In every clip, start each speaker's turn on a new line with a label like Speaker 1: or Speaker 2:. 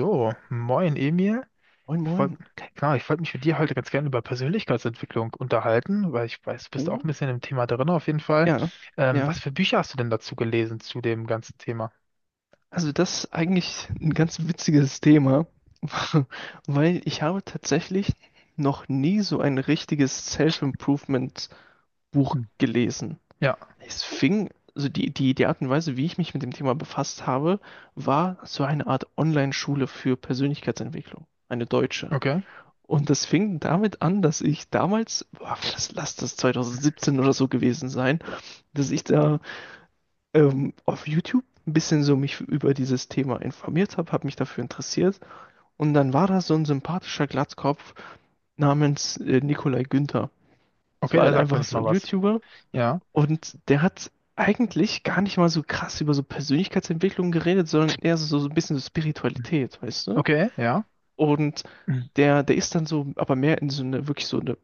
Speaker 1: So, moin Emil.
Speaker 2: Moin,
Speaker 1: Ich
Speaker 2: moin.
Speaker 1: wollt, genau, ich wollte mich mit dir heute ganz gerne über Persönlichkeitsentwicklung unterhalten, weil ich weiß, du bist auch
Speaker 2: Oh
Speaker 1: ein bisschen im Thema drin auf jeden Fall.
Speaker 2: ja, ja.
Speaker 1: Was für Bücher hast du denn dazu gelesen zu dem ganzen Thema?
Speaker 2: Also das ist eigentlich ein ganz witziges Thema, weil ich habe tatsächlich noch nie so ein richtiges Self-Improvement-Buch
Speaker 1: Hm.
Speaker 2: gelesen.
Speaker 1: Ja,
Speaker 2: Es fing, also die Art und Weise, wie ich mich mit dem Thema befasst habe, war so eine Art Online-Schule für Persönlichkeitsentwicklung, eine deutsche.
Speaker 1: okay.
Speaker 2: Und das fing damit an, dass ich damals, boah, das lass das 2017 oder so gewesen sein, dass ich da auf YouTube ein bisschen so mich über dieses Thema informiert habe, habe mich dafür interessiert. Und dann war da so ein sympathischer Glatzkopf namens Nikolai Günther. Das
Speaker 1: Okay,
Speaker 2: war
Speaker 1: da
Speaker 2: halt
Speaker 1: sagt mir
Speaker 2: einfach
Speaker 1: nicht
Speaker 2: so
Speaker 1: mal
Speaker 2: ein
Speaker 1: was.
Speaker 2: YouTuber.
Speaker 1: Ja.
Speaker 2: Und der hat eigentlich gar nicht mal so krass über so Persönlichkeitsentwicklung geredet, sondern eher so, so ein bisschen so
Speaker 1: Hm.
Speaker 2: Spiritualität, weißt du?
Speaker 1: Okay, ja.
Speaker 2: Und
Speaker 1: Hm.
Speaker 2: der ist dann so, aber mehr in so eine, wirklich so eine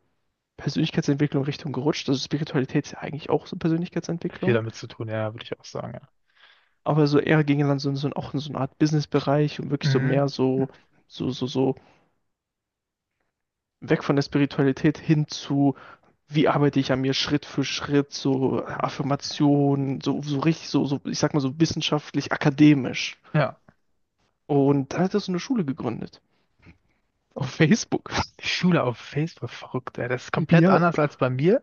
Speaker 2: Persönlichkeitsentwicklung Richtung gerutscht. Also Spiritualität ist ja eigentlich auch so
Speaker 1: Viel
Speaker 2: Persönlichkeitsentwicklung.
Speaker 1: damit zu tun, ja, würde ich auch sagen.
Speaker 2: Aber so eher ging dann so, so
Speaker 1: Ja.
Speaker 2: auch in so eine Art Business Bereich und wirklich so
Speaker 1: Mhm.
Speaker 2: mehr so weg von der Spiritualität hin zu, wie arbeite ich an mir Schritt für Schritt, so Affirmationen, so, so richtig, so, so, ich sag mal so wissenschaftlich, akademisch.
Speaker 1: Ja,
Speaker 2: Und dann hat er so eine Schule gegründet. Auf Facebook.
Speaker 1: die Schule auf Facebook, verrückt, ey. Das ist komplett
Speaker 2: Ja,
Speaker 1: anders als bei mir.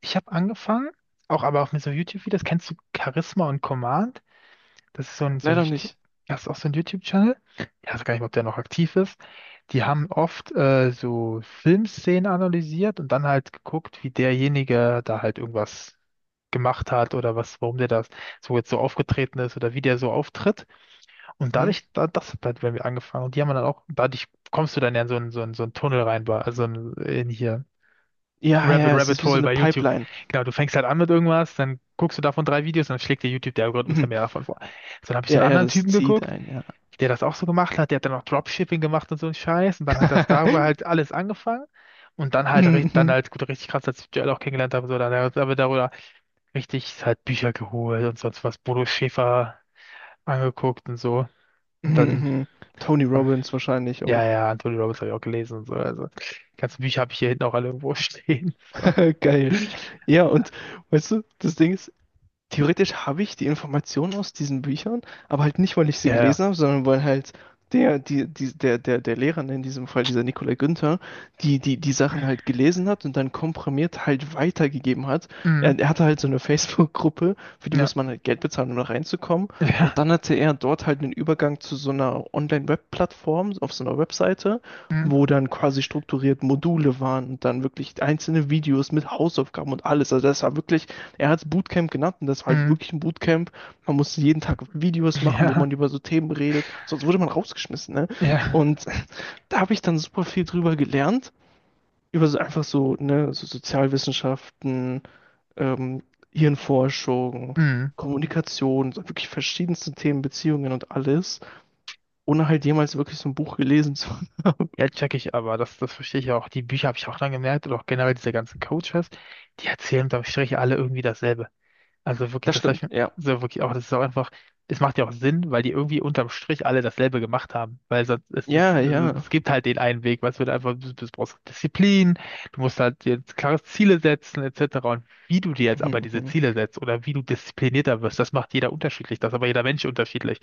Speaker 1: Ich habe angefangen, auch aber auch mit so YouTube-Videos. Kennst du Charisma und Command? Das ist so ein,
Speaker 2: leider nicht.
Speaker 1: Das ist auch so ein YouTube-Channel. Ich weiß gar nicht, ob der noch aktiv ist. Die haben oft so Filmszenen analysiert und dann halt geguckt, wie derjenige da halt irgendwas gemacht hat oder was, warum der das so jetzt so aufgetreten ist oder wie der so auftritt. Und
Speaker 2: Mhm.
Speaker 1: dadurch, da, das hat halt bei mir angefangen. Und die haben dann auch, dadurch kommst du dann ja in so einen Tunnel rein, also in hier.
Speaker 2: Ja, ja,
Speaker 1: Rabbit,
Speaker 2: ja, es ist
Speaker 1: Rabbit
Speaker 2: wie so
Speaker 1: Hole
Speaker 2: eine
Speaker 1: bei YouTube.
Speaker 2: Pipeline.
Speaker 1: Genau, du fängst halt an mit irgendwas, dann guckst du davon drei Videos, dann schlägt dir YouTube, der Algorithmus ja
Speaker 2: Mhm.
Speaker 1: mehr davon vor. So, dann habe ich so
Speaker 2: Ja,
Speaker 1: einen
Speaker 2: ja,
Speaker 1: anderen
Speaker 2: das
Speaker 1: Typen
Speaker 2: zieht
Speaker 1: geguckt,
Speaker 2: ein, ja.
Speaker 1: der das auch so gemacht hat, der hat dann auch Dropshipping gemacht und so einen Scheiß und dann hat das darüber halt alles angefangen und dann halt, ri- dann
Speaker 2: Mhm,
Speaker 1: halt, gut, richtig krass, als ich Joel auch kennengelernt habe, so, dann hat er darüber richtig halt Bücher geholt und sonst was, Bodo Schäfer angeguckt und so und
Speaker 2: mhm. Mhm. Tony
Speaker 1: ähm,
Speaker 2: Robbins wahrscheinlich
Speaker 1: ja,
Speaker 2: auch.
Speaker 1: ja, Anthony Robbins habe ich auch gelesen und so, also, die ganzen Bücher habe ich hier hinten auch alle irgendwo stehen, so,
Speaker 2: Geil. Ja, und
Speaker 1: ja,
Speaker 2: weißt du, das Ding ist, theoretisch habe ich die Informationen aus diesen Büchern, aber halt nicht, weil ich sie
Speaker 1: ja, ja.
Speaker 2: gelesen habe, sondern weil halt der Lehrer, ne, in diesem Fall dieser Nikolai Günther, die Sachen halt gelesen hat und dann komprimiert halt weitergegeben hat.
Speaker 1: Mhm.
Speaker 2: Er hatte halt so eine Facebook-Gruppe, für die
Speaker 1: Ja,
Speaker 2: muss man halt Geld bezahlen, um da reinzukommen. Und
Speaker 1: ja,
Speaker 2: dann hatte er dort halt einen Übergang zu so einer Online-Web-Plattform auf so einer Webseite,
Speaker 1: mm,
Speaker 2: wo dann quasi strukturiert Module waren und dann wirklich einzelne Videos mit Hausaufgaben und alles. Also das war wirklich, er hat es Bootcamp genannt und das ist halt
Speaker 1: mm,
Speaker 2: wirklich ein Bootcamp. Man musste jeden Tag Videos machen, wo
Speaker 1: ja,
Speaker 2: man über so Themen redet, sonst wurde man rausgeschmissen. Ne?
Speaker 1: ja,
Speaker 2: Und da habe ich dann super viel drüber gelernt, über so einfach so, ne, so Sozialwissenschaften, ähm, Hirnforschung,
Speaker 1: mm.
Speaker 2: Kommunikation, so wirklich verschiedenste Themen, Beziehungen und alles, ohne halt jemals wirklich so ein Buch gelesen zu haben.
Speaker 1: Ja, check ich aber, das verstehe ich auch. Die Bücher habe ich auch dann gemerkt oder auch generell diese ganzen Coaches, die erzählen unterm Strich alle irgendwie dasselbe. Also wirklich,
Speaker 2: Das
Speaker 1: das habe ich
Speaker 2: stimmt,
Speaker 1: mir
Speaker 2: ja.
Speaker 1: so wirklich auch, das ist auch einfach, es macht ja auch Sinn, weil die irgendwie unterm Strich alle dasselbe gemacht haben. Weil sonst,
Speaker 2: Ja, ja.
Speaker 1: es gibt halt den einen Weg, weil es wird einfach, du brauchst Disziplin, du musst halt dir jetzt klare Ziele setzen, etc. Und wie du dir jetzt aber
Speaker 2: Mhm,
Speaker 1: diese
Speaker 2: mhm.
Speaker 1: Ziele setzt oder wie du disziplinierter wirst, das macht jeder unterschiedlich, das ist aber jeder Mensch unterschiedlich.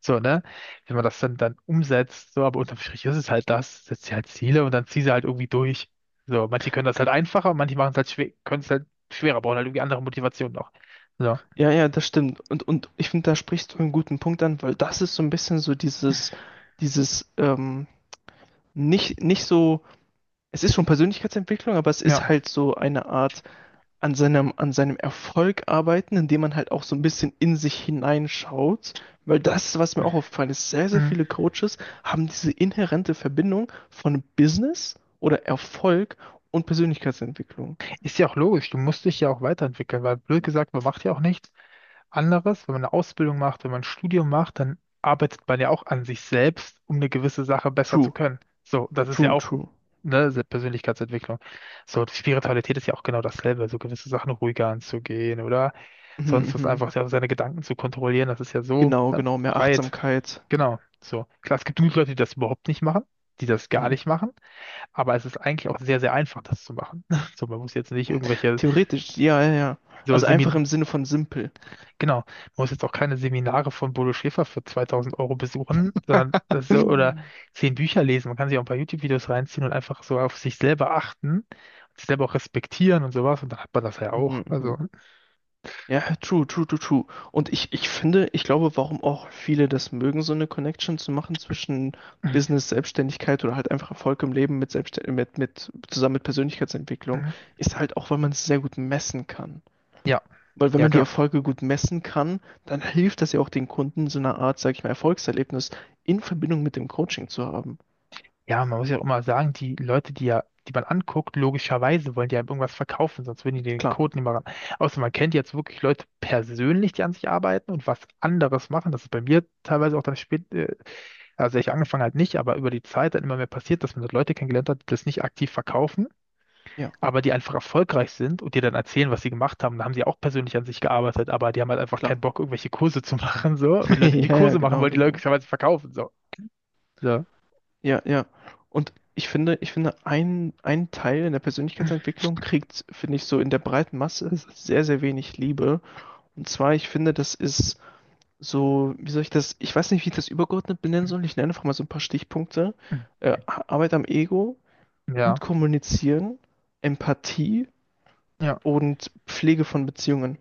Speaker 1: So, ne? Wenn man das dann umsetzt, so, aber unterm Strich ist es halt das, setzt dir halt Ziele und dann zieh sie halt irgendwie durch. So, manche können das halt einfacher, manche machen es halt schwer, können es halt schwerer, brauchen halt irgendwie andere Motivationen auch. Ja,
Speaker 2: Ja, ja, das stimmt. Und ich finde, da sprichst du einen guten Punkt an, weil das ist so ein bisschen so dieses, dieses, ähm, nicht so, es ist schon Persönlichkeitsentwicklung, aber es
Speaker 1: ja.
Speaker 2: ist halt so eine Art an seinem Erfolg arbeiten, indem man halt auch so ein bisschen in sich hineinschaut. Weil das, was mir auch aufgefallen ist, sehr, sehr
Speaker 1: Mhm.
Speaker 2: viele Coaches haben diese inhärente Verbindung von Business oder Erfolg und Persönlichkeitsentwicklung.
Speaker 1: Ist ja auch logisch, du musst dich ja auch weiterentwickeln, weil blöd gesagt, man macht ja auch nichts anderes. Wenn man eine Ausbildung macht, wenn man ein Studium macht, dann arbeitet man ja auch an sich selbst, um eine gewisse Sache besser zu
Speaker 2: True,
Speaker 1: können. So, das ist ja
Speaker 2: true,
Speaker 1: auch,
Speaker 2: true.
Speaker 1: Persönlichkeitsentwicklung. So, die Spiritualität ist ja auch genau dasselbe, so gewisse Sachen ruhiger anzugehen oder
Speaker 2: Mhm,
Speaker 1: sonst was
Speaker 2: mhm.
Speaker 1: einfach ja, seine Gedanken zu kontrollieren, das ist ja so,
Speaker 2: Genau,
Speaker 1: ne,
Speaker 2: genau, mehr
Speaker 1: breit.
Speaker 2: Achtsamkeit.
Speaker 1: Genau, so. Klar, es gibt genug Leute, die das überhaupt nicht machen, die das gar
Speaker 2: Mhm.
Speaker 1: nicht machen. Aber es ist eigentlich auch sehr, sehr einfach, das zu machen. So, man muss jetzt nicht
Speaker 2: Theoretisch, ja, ja, ja.
Speaker 1: so
Speaker 2: Also einfach
Speaker 1: Semin,
Speaker 2: im Sinne von simpel.
Speaker 1: genau, man muss jetzt auch keine Seminare von Bodo Schäfer für 2000 Euro besuchen, sondern das ist so, oder 10 Bücher lesen. Man kann sich auch ein paar YouTube-Videos reinziehen und einfach so auf sich selber achten, sich selber auch respektieren und sowas. Und dann hat man das ja auch.
Speaker 2: Mhm,
Speaker 1: Also,
Speaker 2: mhm. Ja, true, true, true, true. Und ich finde, ich glaube, warum auch viele das mögen, so eine Connection zu machen zwischen Business, Selbstständigkeit oder halt einfach Erfolg im Leben mit zusammen mit Persönlichkeitsentwicklung, ist halt auch, weil man es sehr gut messen kann.
Speaker 1: ja,
Speaker 2: Weil wenn
Speaker 1: ja,
Speaker 2: man die
Speaker 1: genau.
Speaker 2: Erfolge gut messen kann, dann hilft das ja auch den Kunden, so eine Art, sag ich mal, Erfolgserlebnis in Verbindung mit dem Coaching zu haben.
Speaker 1: Ja, man muss ja auch immer sagen, die Leute, die ja, die man anguckt, logischerweise wollen die einem irgendwas verkaufen, sonst würden die den
Speaker 2: Klar,
Speaker 1: Code nicht mal ran. Außer man kennt jetzt wirklich Leute persönlich, die an sich arbeiten und was anderes machen. Das ist bei mir teilweise auch also ich angefangen halt nicht, aber über die Zeit dann immer mehr passiert, dass man dort Leute kennengelernt hat, die das nicht aktiv verkaufen,
Speaker 2: ja,
Speaker 1: aber die einfach erfolgreich sind und dir dann erzählen, was sie gemacht haben. Da haben sie auch persönlich an sich gearbeitet, aber die haben halt einfach
Speaker 2: klar.
Speaker 1: keinen Bock, irgendwelche Kurse zu machen, so. Wenn die Leute die
Speaker 2: Ja, ja,
Speaker 1: Kurse machen
Speaker 2: genau,
Speaker 1: wollen, die
Speaker 2: genau.
Speaker 1: logischerweise verkaufen, so. Ja.
Speaker 2: Ja, ja. Und ich finde, ein Teil in der Persönlichkeitsentwicklung kriegt, finde ich, so in der breiten Masse sehr, sehr wenig Liebe. Und zwar, ich finde, das ist so, wie soll ich das, ich weiß nicht, wie ich das übergeordnet benennen soll. Ich nenne einfach mal so ein paar Stichpunkte. Arbeit am Ego, gut
Speaker 1: Ja.
Speaker 2: kommunizieren, Empathie
Speaker 1: Ja.
Speaker 2: und Pflege von Beziehungen.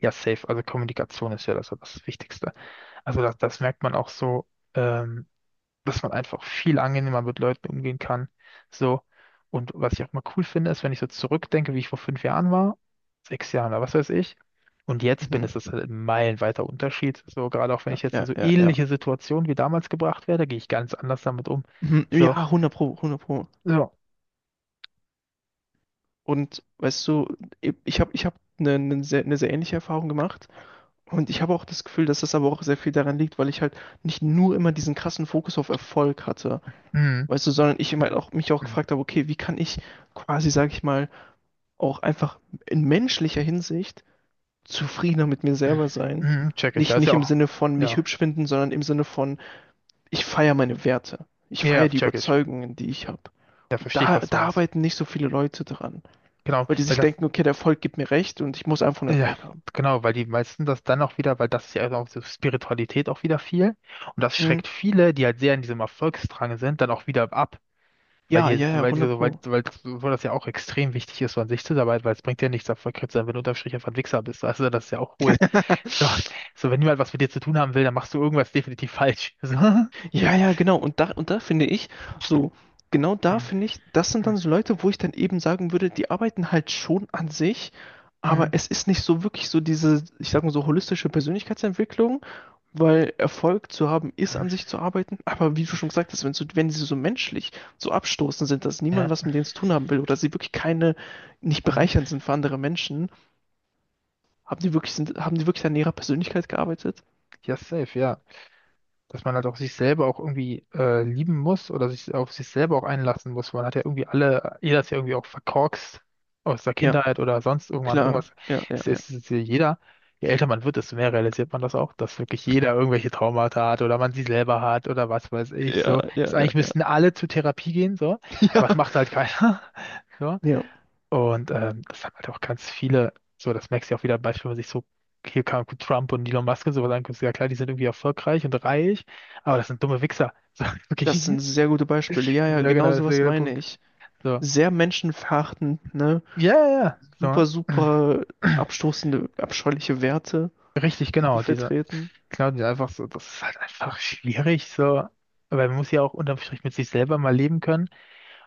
Speaker 1: Ja, safe. Also Kommunikation ist ja das, das Wichtigste. Also das, das merkt man auch ähm, dass man einfach viel angenehmer mit Leuten umgehen kann. So. Und was ich auch mal cool finde, ist, wenn ich so zurückdenke, wie ich vor 5 Jahren war, 6 Jahren oder was weiß ich. Und jetzt bin,
Speaker 2: Mhm.
Speaker 1: ist das halt ein meilenweiter Unterschied. So, gerade auch wenn
Speaker 2: Ja,
Speaker 1: ich jetzt in
Speaker 2: ja,
Speaker 1: so
Speaker 2: ja, ja.
Speaker 1: ähnliche Situationen wie damals gebracht werde, gehe ich ganz anders damit um.
Speaker 2: Mhm.
Speaker 1: So,
Speaker 2: Ja, 100 Pro, 100 Pro.
Speaker 1: so,
Speaker 2: Und weißt du, ich hab eine sehr ähnliche Erfahrung gemacht. Und ich habe auch das Gefühl, dass das aber auch sehr viel daran liegt, weil ich halt nicht nur immer diesen krassen Fokus auf Erfolg hatte,
Speaker 1: mhm,
Speaker 2: weißt du, sondern ich immer
Speaker 1: mhm,
Speaker 2: auch, mich auch
Speaker 1: mhm.
Speaker 2: gefragt habe, okay, wie kann ich quasi, sage ich mal, auch einfach in menschlicher Hinsicht zufriedener mit mir selber sein?
Speaker 1: Mhm, check ich. Ja,
Speaker 2: Nicht,
Speaker 1: ist
Speaker 2: nicht
Speaker 1: ja
Speaker 2: im
Speaker 1: auch,
Speaker 2: Sinne von mich
Speaker 1: ja,
Speaker 2: hübsch finden, sondern im Sinne von, ich feiere meine Werte. Ich
Speaker 1: ja,
Speaker 2: feiere die
Speaker 1: check ich.
Speaker 2: Überzeugungen, die ich habe.
Speaker 1: Ja,
Speaker 2: Und
Speaker 1: verstehe ich,
Speaker 2: da,
Speaker 1: was du
Speaker 2: da
Speaker 1: meinst.
Speaker 2: arbeiten nicht so viele Leute dran,
Speaker 1: Genau,
Speaker 2: weil die
Speaker 1: weil
Speaker 2: sich
Speaker 1: das,
Speaker 2: denken, okay, der Erfolg gibt mir recht und ich muss einfach einen
Speaker 1: ja,
Speaker 2: Erfolg haben.
Speaker 1: genau, weil die meisten das dann auch wieder, weil das ist ja auch so Spiritualität auch wieder viel. Und das
Speaker 2: Mhm.
Speaker 1: schreckt viele, die halt sehr in diesem Erfolgsdrang sind, dann auch wieder ab. Weil
Speaker 2: Ja,
Speaker 1: die,
Speaker 2: ja, ja,
Speaker 1: weil die,
Speaker 2: 100
Speaker 1: weil,
Speaker 2: Pro.
Speaker 1: weil, weil das ja auch extrem wichtig ist, so an sich zu arbeiten, weil es bringt ja nichts, erfolgreich zu sein, wenn du unterm Strich einfach ein Wichser bist. Also das ist ja auch hohl. So, so wenn niemand was mit dir zu tun haben will, dann machst du irgendwas definitiv falsch.
Speaker 2: Ja, ja, genau. Und da finde ich, so, genau da finde ich, das
Speaker 1: So.
Speaker 2: sind dann so Leute, wo ich dann eben sagen würde, die arbeiten halt schon an sich,
Speaker 1: Mm,
Speaker 2: aber
Speaker 1: mm,
Speaker 2: es ist nicht so wirklich so diese, ich sag mal so, holistische Persönlichkeitsentwicklung, weil Erfolg zu haben
Speaker 1: mm,
Speaker 2: ist, an
Speaker 1: mm.
Speaker 2: sich zu arbeiten. Aber wie du schon gesagt hast, wenn, so, wenn sie so menschlich so abstoßend sind, dass niemand
Speaker 1: Ja,
Speaker 2: was mit denen zu tun haben will oder sie wirklich keine, nicht bereichernd
Speaker 1: mm.
Speaker 2: sind für andere Menschen, haben die wirklich, sind, haben die wirklich an ihrer Persönlichkeit gearbeitet?
Speaker 1: Ja, safe, ja. Dass man halt auch sich selber auch lieben muss oder sich auf sich selber auch einlassen muss. Man hat ja irgendwie alle, jeder ist ja irgendwie auch verkorkst aus der
Speaker 2: Ja,
Speaker 1: Kindheit oder sonst irgendwann
Speaker 2: klar.
Speaker 1: irgendwas.
Speaker 2: Ja, ja,
Speaker 1: Es
Speaker 2: ja.
Speaker 1: ist, es ist ja jeder, je älter man wird, desto mehr realisiert man das auch, dass wirklich jeder irgendwelche Traumata hat oder man sie selber hat oder was weiß ich so.
Speaker 2: Ja, ja,
Speaker 1: Das
Speaker 2: ja,
Speaker 1: eigentlich
Speaker 2: ja.
Speaker 1: müssten alle zur Therapie gehen so,
Speaker 2: Ja.
Speaker 1: aber es macht halt keiner. So.
Speaker 2: Ja,
Speaker 1: Und das haben halt auch ganz viele, so das merkst du ja auch wieder, Beispiel, wenn man sich so, hier kann Trump und Elon Musk und sowas anguckt, ja klar, die sind irgendwie erfolgreich und reich, aber das sind dumme Wichser. So,
Speaker 2: das
Speaker 1: wirklich.
Speaker 2: sind sehr gute Beispiele. Ja, ja,
Speaker 1: Ja,
Speaker 2: genau
Speaker 1: genau, das ist
Speaker 2: sowas
Speaker 1: der
Speaker 2: meine
Speaker 1: Punkt.
Speaker 2: ich.
Speaker 1: So.
Speaker 2: Sehr menschenverachtend, ne?
Speaker 1: Ja, ja, ja. So.
Speaker 2: Super, super abstoßende, abscheuliche Werte,
Speaker 1: Richtig,
Speaker 2: die sie
Speaker 1: genau, diese,
Speaker 2: vertreten.
Speaker 1: genau, diese einfach so, das ist halt einfach schwierig, so. Aber man muss ja auch unterm Strich mit sich selber mal leben können.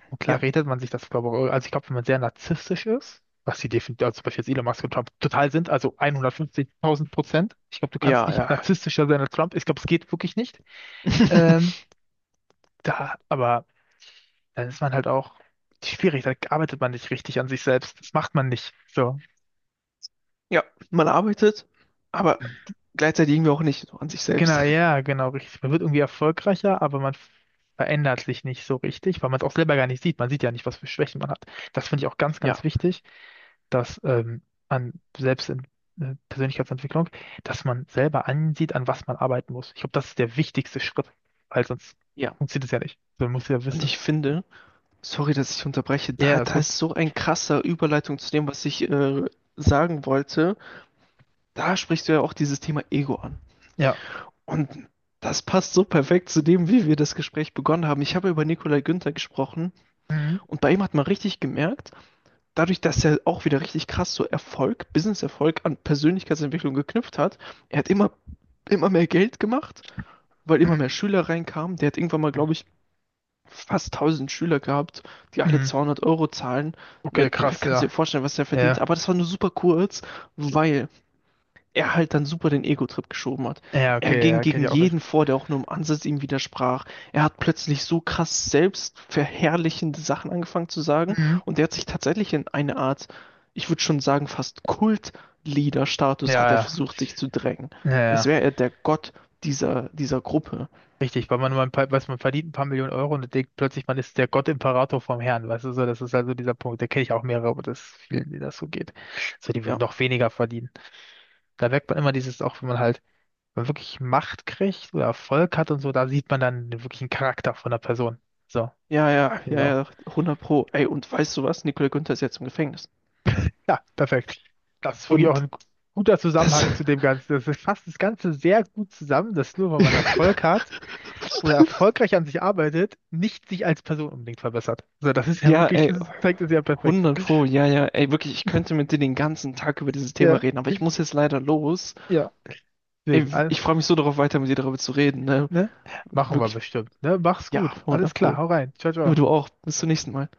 Speaker 1: Und
Speaker 2: Ja,
Speaker 1: klar redet man sich das, glaube ich, also ich glaube, wenn man sehr narzisstisch ist, was sie definitiv, also zum Beispiel jetzt Elon Musk und Trump total sind, also 150.000%. Ich glaube, du kannst
Speaker 2: ja, ja.
Speaker 1: nicht narzisstischer sein als Trump. Ich glaube, es geht wirklich nicht. Ähm, Da, aber dann ist man halt auch schwierig, da arbeitet man nicht richtig an sich selbst. Das macht man nicht. So.
Speaker 2: Ja, man arbeitet, aber gleichzeitig irgendwie auch nicht so an sich selbst.
Speaker 1: Genau, ja, genau, richtig. Man wird irgendwie erfolgreicher, aber man verändert sich nicht so richtig, weil man es auch selber gar nicht sieht. Man sieht ja nicht, was für Schwächen man hat. Das finde ich auch ganz, ganz
Speaker 2: Ja,
Speaker 1: wichtig. Dass an selbst in Persönlichkeitsentwicklung, dass man selber ansieht, an was man arbeiten muss. Ich glaube, das ist der wichtigste Schritt, weil sonst
Speaker 2: ja.
Speaker 1: funktioniert es ja nicht. Man muss ja
Speaker 2: Und
Speaker 1: wissen.
Speaker 2: ich finde, sorry, dass ich unterbreche,
Speaker 1: Ja,
Speaker 2: da,
Speaker 1: ja, ist
Speaker 2: da
Speaker 1: gut.
Speaker 2: ist so ein krasser Überleitung zu dem, was ich sagen wollte. Da sprichst du ja auch dieses Thema Ego an.
Speaker 1: Ja.
Speaker 2: Und das passt so perfekt zu dem, wie wir das Gespräch begonnen haben. Ich habe über Nikolai Günther gesprochen
Speaker 1: Mhm.
Speaker 2: und bei ihm hat man richtig gemerkt, dadurch, dass er auch wieder richtig krass so Erfolg, Business-Erfolg an Persönlichkeitsentwicklung geknüpft hat, er hat immer mehr Geld gemacht, weil immer mehr Schüler reinkamen. Der hat irgendwann mal, glaube ich, fast 1.000 Schüler gehabt, die alle
Speaker 1: Mhm.
Speaker 2: 200 Euro zahlen. Ne,
Speaker 1: Okay, krass,
Speaker 2: kannst dir
Speaker 1: ja.
Speaker 2: vorstellen, was der verdient.
Speaker 1: Ja,
Speaker 2: Aber das war nur super kurz, weil er halt dann super den Ego-Trip geschoben hat.
Speaker 1: ja,
Speaker 2: Er
Speaker 1: okay,
Speaker 2: ging
Speaker 1: ja, kenn
Speaker 2: gegen
Speaker 1: ich auch welche.
Speaker 2: jeden vor, der auch nur im Ansatz ihm widersprach. Er hat plötzlich so krass selbstverherrlichende Sachen angefangen zu sagen
Speaker 1: Mhm.
Speaker 2: und er hat sich tatsächlich in eine Art, ich würde schon sagen, fast Kult-Leader-Status
Speaker 1: Ja,
Speaker 2: hat er
Speaker 1: ja.
Speaker 2: versucht, sich zu drängen.
Speaker 1: Ja,
Speaker 2: Es
Speaker 1: ja,
Speaker 2: wäre er der Gott dieser Gruppe.
Speaker 1: richtig, weil man weiß, man verdient ein paar Millionen Euro und denkt plötzlich, man ist der Gott-Imperator vom Herrn, weißt du, so, das ist also dieser Punkt, da kenne ich auch mehrere, aber das ist vielen, denen das so geht. So, die würden
Speaker 2: Ja,
Speaker 1: noch weniger verdienen. Da merkt man immer dieses, auch wenn man halt, wenn man wirklich Macht kriegt oder Erfolg hat und so, da sieht man dann den wirklichen Charakter von der Person. So,
Speaker 2: ja, ja, ja,
Speaker 1: genau.
Speaker 2: ja, 100 Pro. Ey, und weißt du was? Nicola Günther ist jetzt im Gefängnis.
Speaker 1: Ja, perfekt. Das ist wirklich auch
Speaker 2: Und
Speaker 1: ein guter
Speaker 2: das,
Speaker 1: Zusammenhang zu dem Ganzen. Das ist- fasst das Ganze sehr gut zusammen, dass nur weil man Erfolg hat oder erfolgreich an sich arbeitet, nicht sich als Person unbedingt verbessert. Also das ist ja
Speaker 2: ja,
Speaker 1: wirklich,
Speaker 2: ey,
Speaker 1: das zeigt es ja perfekt.
Speaker 2: 100 Pro, ja, ja. Ey, wirklich, ich könnte mit dir den ganzen Tag über dieses Thema
Speaker 1: Ja,
Speaker 2: reden, aber ich muss jetzt leider los.
Speaker 1: ja.
Speaker 2: Ey,
Speaker 1: Deswegen, all-
Speaker 2: ich freue mich so darauf, weiter mit dir darüber zu reden, ne?
Speaker 1: ne? Machen wir
Speaker 2: Wirklich,
Speaker 1: bestimmt. Ne? Mach's
Speaker 2: ja,
Speaker 1: gut. Alles
Speaker 2: hundert
Speaker 1: klar,
Speaker 2: Pro.
Speaker 1: hau rein. Ciao,
Speaker 2: Du,
Speaker 1: ciao.
Speaker 2: du auch. Bis zum nächsten Mal.